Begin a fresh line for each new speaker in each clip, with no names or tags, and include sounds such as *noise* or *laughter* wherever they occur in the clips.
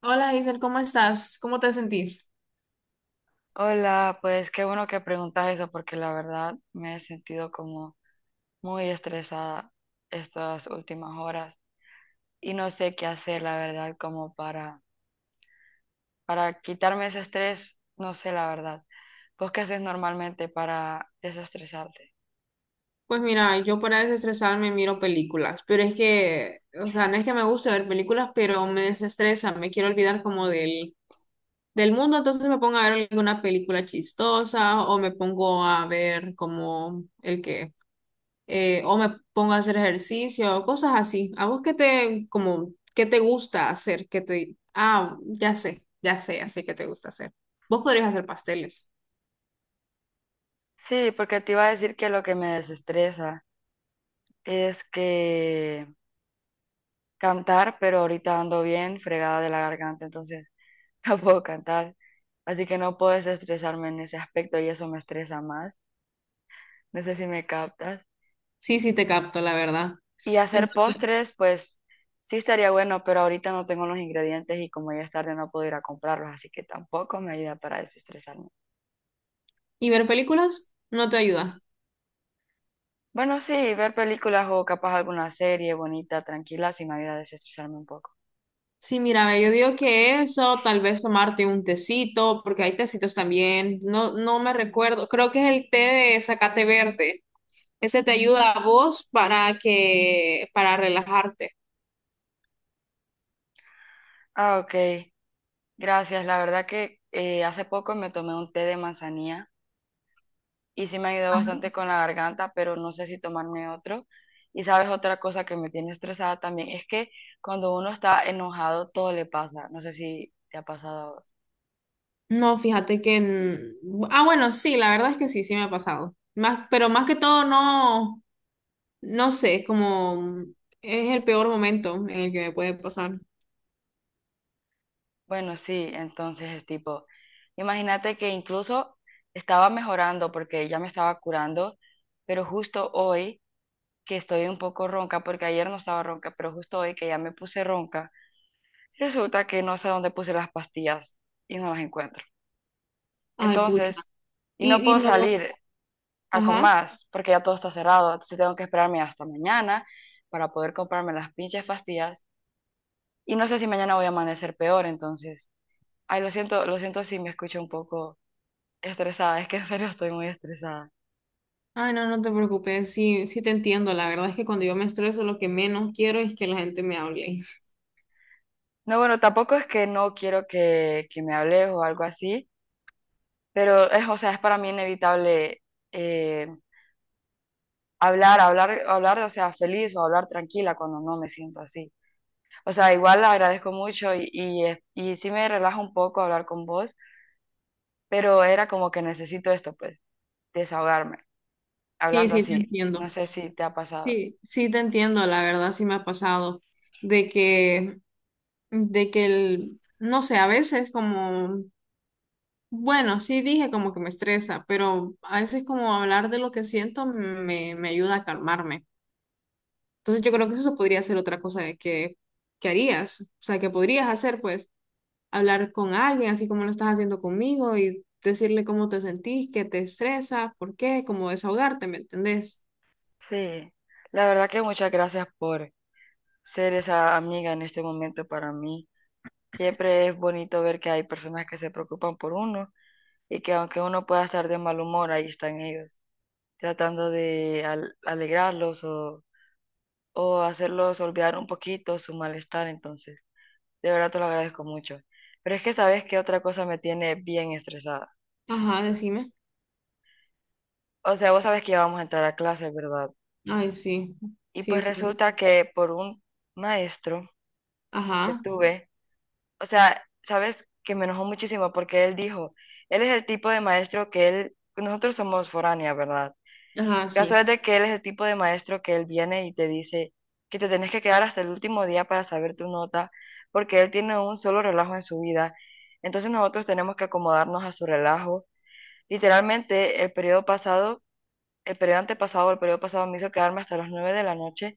Hola Giselle, ¿cómo estás? ¿Cómo te sentís?
Hola, pues qué bueno que preguntas eso porque la verdad me he sentido como muy estresada estas últimas horas y no sé qué hacer, la verdad, como para quitarme ese estrés, no sé la verdad. ¿Vos qué haces normalmente para desestresarte?
Pues mira, yo para desestresarme miro películas, pero es que, o sea, no es que me guste ver películas, pero me desestresa, me quiero olvidar como del mundo, entonces me pongo a ver alguna película chistosa o me pongo a ver como el o me pongo a hacer ejercicio, cosas así. ¿A vos qué te, como, qué te gusta hacer? ¿Qué te, ah, ya sé qué te gusta hacer. Vos podrías hacer pasteles.
Sí, porque te iba a decir que lo que me desestresa es que cantar, pero ahorita ando bien fregada de la garganta, entonces *laughs* no puedo cantar, así que no puedo desestresarme en ese aspecto y eso me estresa más. No sé si me captas.
Sí, sí, te capto, la verdad.
Y hacer
Entonces.
postres, pues sí estaría bueno, pero ahorita no tengo los ingredientes y como ya es tarde no puedo ir a comprarlos, así que tampoco me ayuda para desestresarme.
Y ver películas no te ayuda.
Bueno, sí, ver películas o capaz alguna serie bonita, tranquila, sí me ayuda a desestresarme un poco.
Sí, mira, ve, yo digo que eso, tal vez tomarte un tecito, porque hay tecitos también. No, no me recuerdo. Creo que es el té de zacate verde. Ese te ayuda a vos para para relajarte.
Ah, ok. Gracias. La verdad que hace poco me tomé un té de manzanilla y sí me ayudó bastante con la garganta, pero no sé si tomarme otro. Y sabes, otra cosa que me tiene estresada también es que cuando uno está enojado, todo le pasa. No sé si te ha pasado a vos.
No, fíjate que bueno, sí, la verdad es que sí, sí me ha pasado. Más, pero más que todo, no, no sé, como es el peor momento en el que me puede pasar.
Bueno, sí, entonces es tipo, imagínate que incluso estaba mejorando porque ya me estaba curando, pero justo hoy que estoy un poco ronca, porque ayer no estaba ronca, pero justo hoy que ya me puse ronca, resulta que no sé dónde puse las pastillas y no las encuentro.
Ay, pucha.
Entonces, y no
Y
puedo
no,
salir, a con
ajá.
más, porque ya todo está cerrado. Entonces tengo que esperarme hasta mañana para poder comprarme las pinches pastillas. Y no sé si mañana voy a amanecer peor, entonces. Ay, lo siento si me escucho un poco estresada. *laughs* Es que en serio estoy muy estresada.
Ay, no, no te preocupes, sí, sí te entiendo. La verdad es que cuando yo me estreso, lo que menos quiero es que la gente me hable. *laughs*
No, bueno, tampoco es que no quiero que me hables o algo así, pero es, o sea, es para mí inevitable eh, hablar, hablar, hablar, o sea, feliz o hablar tranquila cuando no me siento así. O sea, igual agradezco mucho y sí me relaja un poco hablar con vos, pero era como que necesito esto, pues, desahogarme,
Sí,
hablando
sí te
así. No
entiendo.
sé si te ha pasado.
Sí, sí te entiendo, la verdad sí me ha pasado de que, de que el, no sé, a veces como, bueno, sí dije como que me estresa, pero a veces como hablar de lo que siento me ayuda a calmarme. Entonces yo creo que eso podría ser otra cosa de que harías, o sea, que podrías hacer, pues. Hablar con alguien, así como lo estás haciendo conmigo, y decirle cómo te sentís, qué te estresa, por qué, como desahogarte, ¿me entendés?
Sí, la verdad que muchas gracias por ser esa amiga en este momento para mí. Siempre es bonito ver que hay personas que se preocupan por uno y que aunque uno pueda estar de mal humor, ahí están ellos, tratando de alegrarlos o hacerlos olvidar un poquito su malestar. Entonces, de verdad te lo agradezco mucho. Pero es que sabes que otra cosa me tiene bien estresada.
Ajá, decime.
O sea, vos sabes que íbamos a entrar a clase, ¿verdad?
Ay, sí,
Y
sí,
pues
sí.
resulta que por un maestro que
Ajá,
tuve, o sea, sabes que me enojó muchísimo porque él dijo, él es el tipo de maestro que él, nosotros somos foráneas, ¿verdad?
ajá,
Caso es
sí.
de que él es el tipo de maestro que él viene y te dice que te tenés que quedar hasta el último día para saber tu nota, porque él tiene un solo relajo en su vida. Entonces nosotros tenemos que acomodarnos a su relajo. Literalmente, el periodo antepasado, el periodo pasado me hizo quedarme hasta las 9 de la noche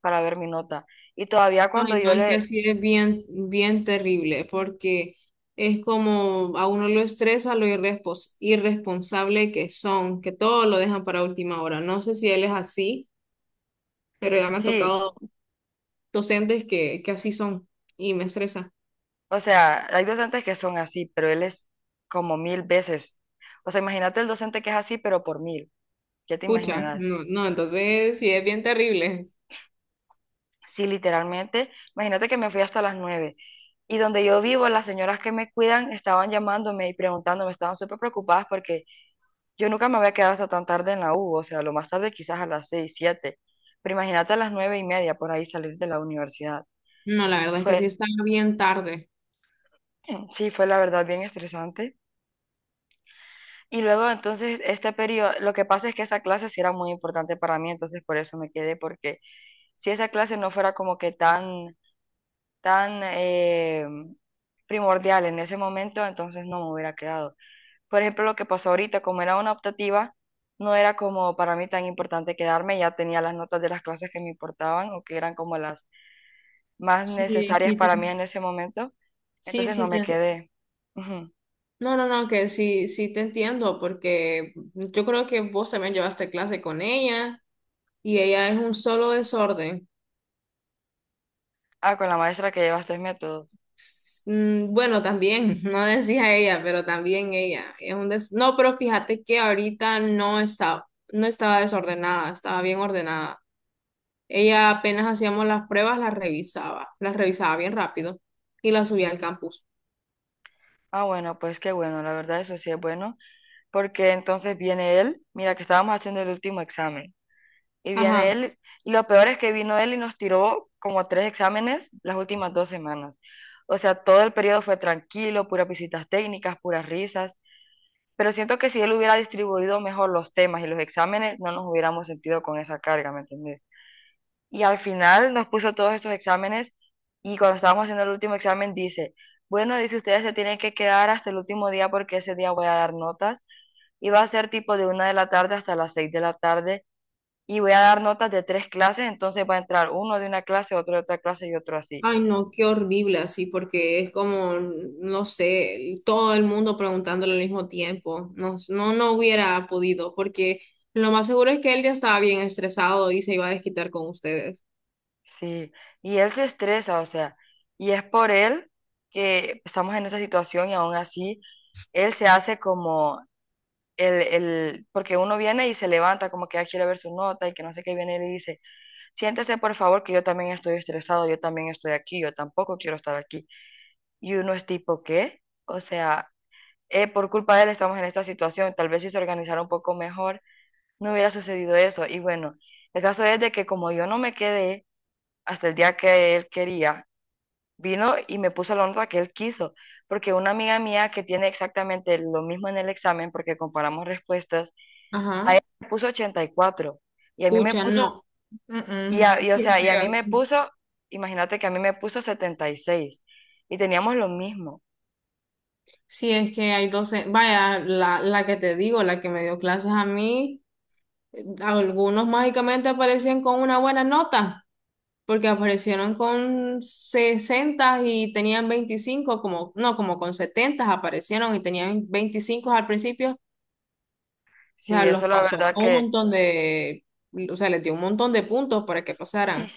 para ver mi nota. Y todavía cuando
Ay, no,
yo
es que
le,
así es bien, bien terrible, porque es como a uno lo estresa lo irresponsable que son, que todo lo dejan para última hora. No sé si él es así, pero ya me han
sí,
tocado docentes que así son y me estresa.
o sea, hay docentes que son así, pero él es como mil veces. O sea, imagínate el docente que es así, pero por mil, ya te
Pucha,
imaginarás.
no, no, entonces sí es bien terrible.
Sí, literalmente, imagínate que me fui hasta las 9. Y donde yo vivo, las señoras que me cuidan estaban llamándome y preguntándome, estaban súper preocupadas porque yo nunca me había quedado hasta tan tarde en la U, o sea, lo más tarde quizás a las 6, 7, pero imagínate a las 9:30 por ahí salir de la universidad.
No, la verdad es que
Fue,
sí está bien tarde.
*clears throat* sí, fue la verdad bien estresante. Y luego entonces este periodo, lo que pasa es que esa clase sí era muy importante para mí, entonces por eso me quedé, porque si esa clase no fuera como que tan, tan primordial en ese momento, entonces no me hubiera quedado. Por ejemplo, lo que pasó ahorita, como era una optativa, no era como para mí tan importante quedarme, ya tenía las notas de las clases que me importaban o que eran como las más
Sí,
necesarias
sí, te-
para mí en ese momento,
sí,
entonces no
sí
me
te-
quedé. Ujú.
No, no, no, que sí, sí te entiendo, porque yo creo que vos también llevaste clase con ella y ella es un solo desorden.
Ah, con la maestra que lleva tres métodos.
Bueno, también, *laughs* no decía ella, pero también ella es un des... No, pero fíjate que ahorita no estaba, no estaba desordenada, estaba bien ordenada. Ella apenas hacíamos las pruebas, las revisaba bien rápido y las subía al campus.
Ah, bueno, pues qué bueno, la verdad eso sí es bueno, porque entonces viene él, mira que estábamos haciendo el último examen. Y viene
Ajá.
él, y lo peor es que vino él y nos tiró como tres exámenes las últimas 2 semanas. O sea, todo el periodo fue tranquilo, puras visitas técnicas, puras risas, pero siento que si él hubiera distribuido mejor los temas y los exámenes, no nos hubiéramos sentido con esa carga, ¿me entendés? Y al final nos puso todos estos exámenes y cuando estábamos haciendo el último examen dice, bueno, dice ustedes se tienen que quedar hasta el último día porque ese día voy a dar notas y va a ser tipo de 1 de la tarde hasta las 6 de la tarde y voy a dar notas de tres clases, entonces va a entrar uno de una clase, otro de otra clase y otro así.
Ay, no, qué horrible así, porque es como, no sé, todo el mundo preguntándole al mismo tiempo. No, no, no hubiera podido, porque lo más seguro es que él ya estaba bien estresado y se iba a desquitar con ustedes.
Sí, y él se estresa, o sea, y es por él que estamos en esa situación y aún así él se hace como porque uno viene y se levanta como que ya quiere ver su nota y que no sé qué viene y le dice, siéntese por favor que yo también estoy estresado, yo también estoy aquí, yo tampoco quiero estar aquí. Y uno es tipo, ¿qué? O sea, por culpa de él estamos en esta situación, tal vez si se organizara un poco mejor no hubiera sucedido eso. Y bueno, el caso es de que como yo no me quedé hasta el día que él quería, vino y me puso la honra que él quiso, porque una amiga mía que tiene exactamente lo mismo en el examen, porque comparamos respuestas, a
Ajá.
él me puso 84 y a mí me
Pucha,
puso,
no. Mm-mm. Qué
y a mí
feo.
me puso, imagínate que a mí me puso 76 y teníamos lo mismo.
Sí, es que hay doce vaya, la que te digo, la que me dio clases a mí. Algunos mágicamente aparecían con una buena nota, porque aparecieron con 60 y tenían 25 como, no, como con 70 aparecieron y tenían 25 al principio, o sea,
Sí,
los
eso la
pasó
verdad
con un montón o sea, les dio un montón de puntos para que pasaran.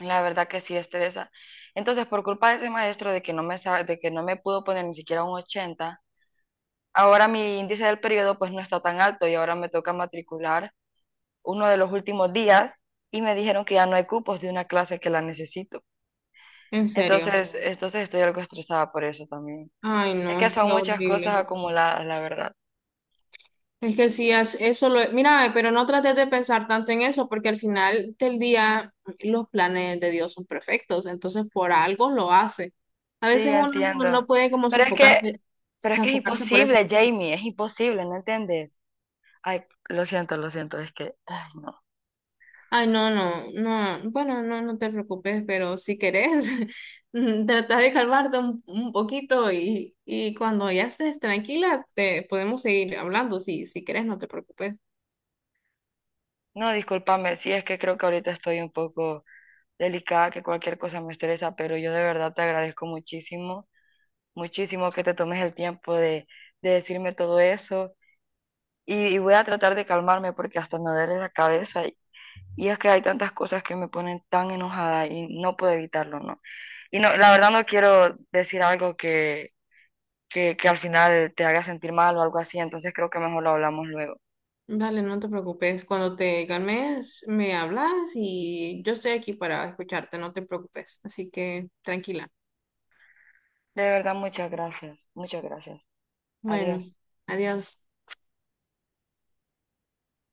la verdad que sí estresa. Entonces, por culpa de ese maestro de que no me, sa- de que no me pudo poner ni siquiera un 80. Ahora mi índice del periodo pues no está tan alto y ahora me toca matricular uno de los últimos días y me dijeron que ya no hay cupos de una clase que la necesito.
¿En serio?
Entonces, entonces estoy algo estresada por eso también.
Ay,
Es
no,
que
es
son
que
muchas cosas
horrible.
acumuladas, la verdad.
Es que sí, eso lo... Mira, pero no trates de pensar tanto en eso, porque al final del día los planes de Dios son perfectos, entonces por algo lo hace. A
Sí,
veces
yo
uno no
entiendo.
no puede como
Pero es que,
sofocarse,
pero es que es
sofocarse por eso.
imposible, Jamie, es imposible, ¿no entiendes? Ay, lo siento, es que, ay, no.
Ay, no, no, no, bueno, no, no te preocupes, pero si querés, *laughs* trata de calmarte un poquito y cuando ya estés tranquila, te podemos seguir hablando, si, si querés, no te preocupes.
No, discúlpame, sí, es que creo que ahorita estoy un poco delicada, que cualquier cosa me estresa, pero yo de verdad te agradezco muchísimo muchísimo que te tomes el tiempo de decirme todo eso y voy a tratar de calmarme porque hasta me duele la cabeza y es que hay tantas cosas que me ponen tan enojada y no puedo evitarlo, ¿no? Y no, la verdad no quiero decir algo que al final te haga sentir mal o algo así, entonces creo que mejor lo hablamos luego.
Dale, no te preocupes. Cuando te calmes, me hablas y yo estoy aquí para escucharte, no te preocupes. Así que tranquila.
De verdad, muchas gracias, muchas gracias.
Bueno,
Adiós.
adiós.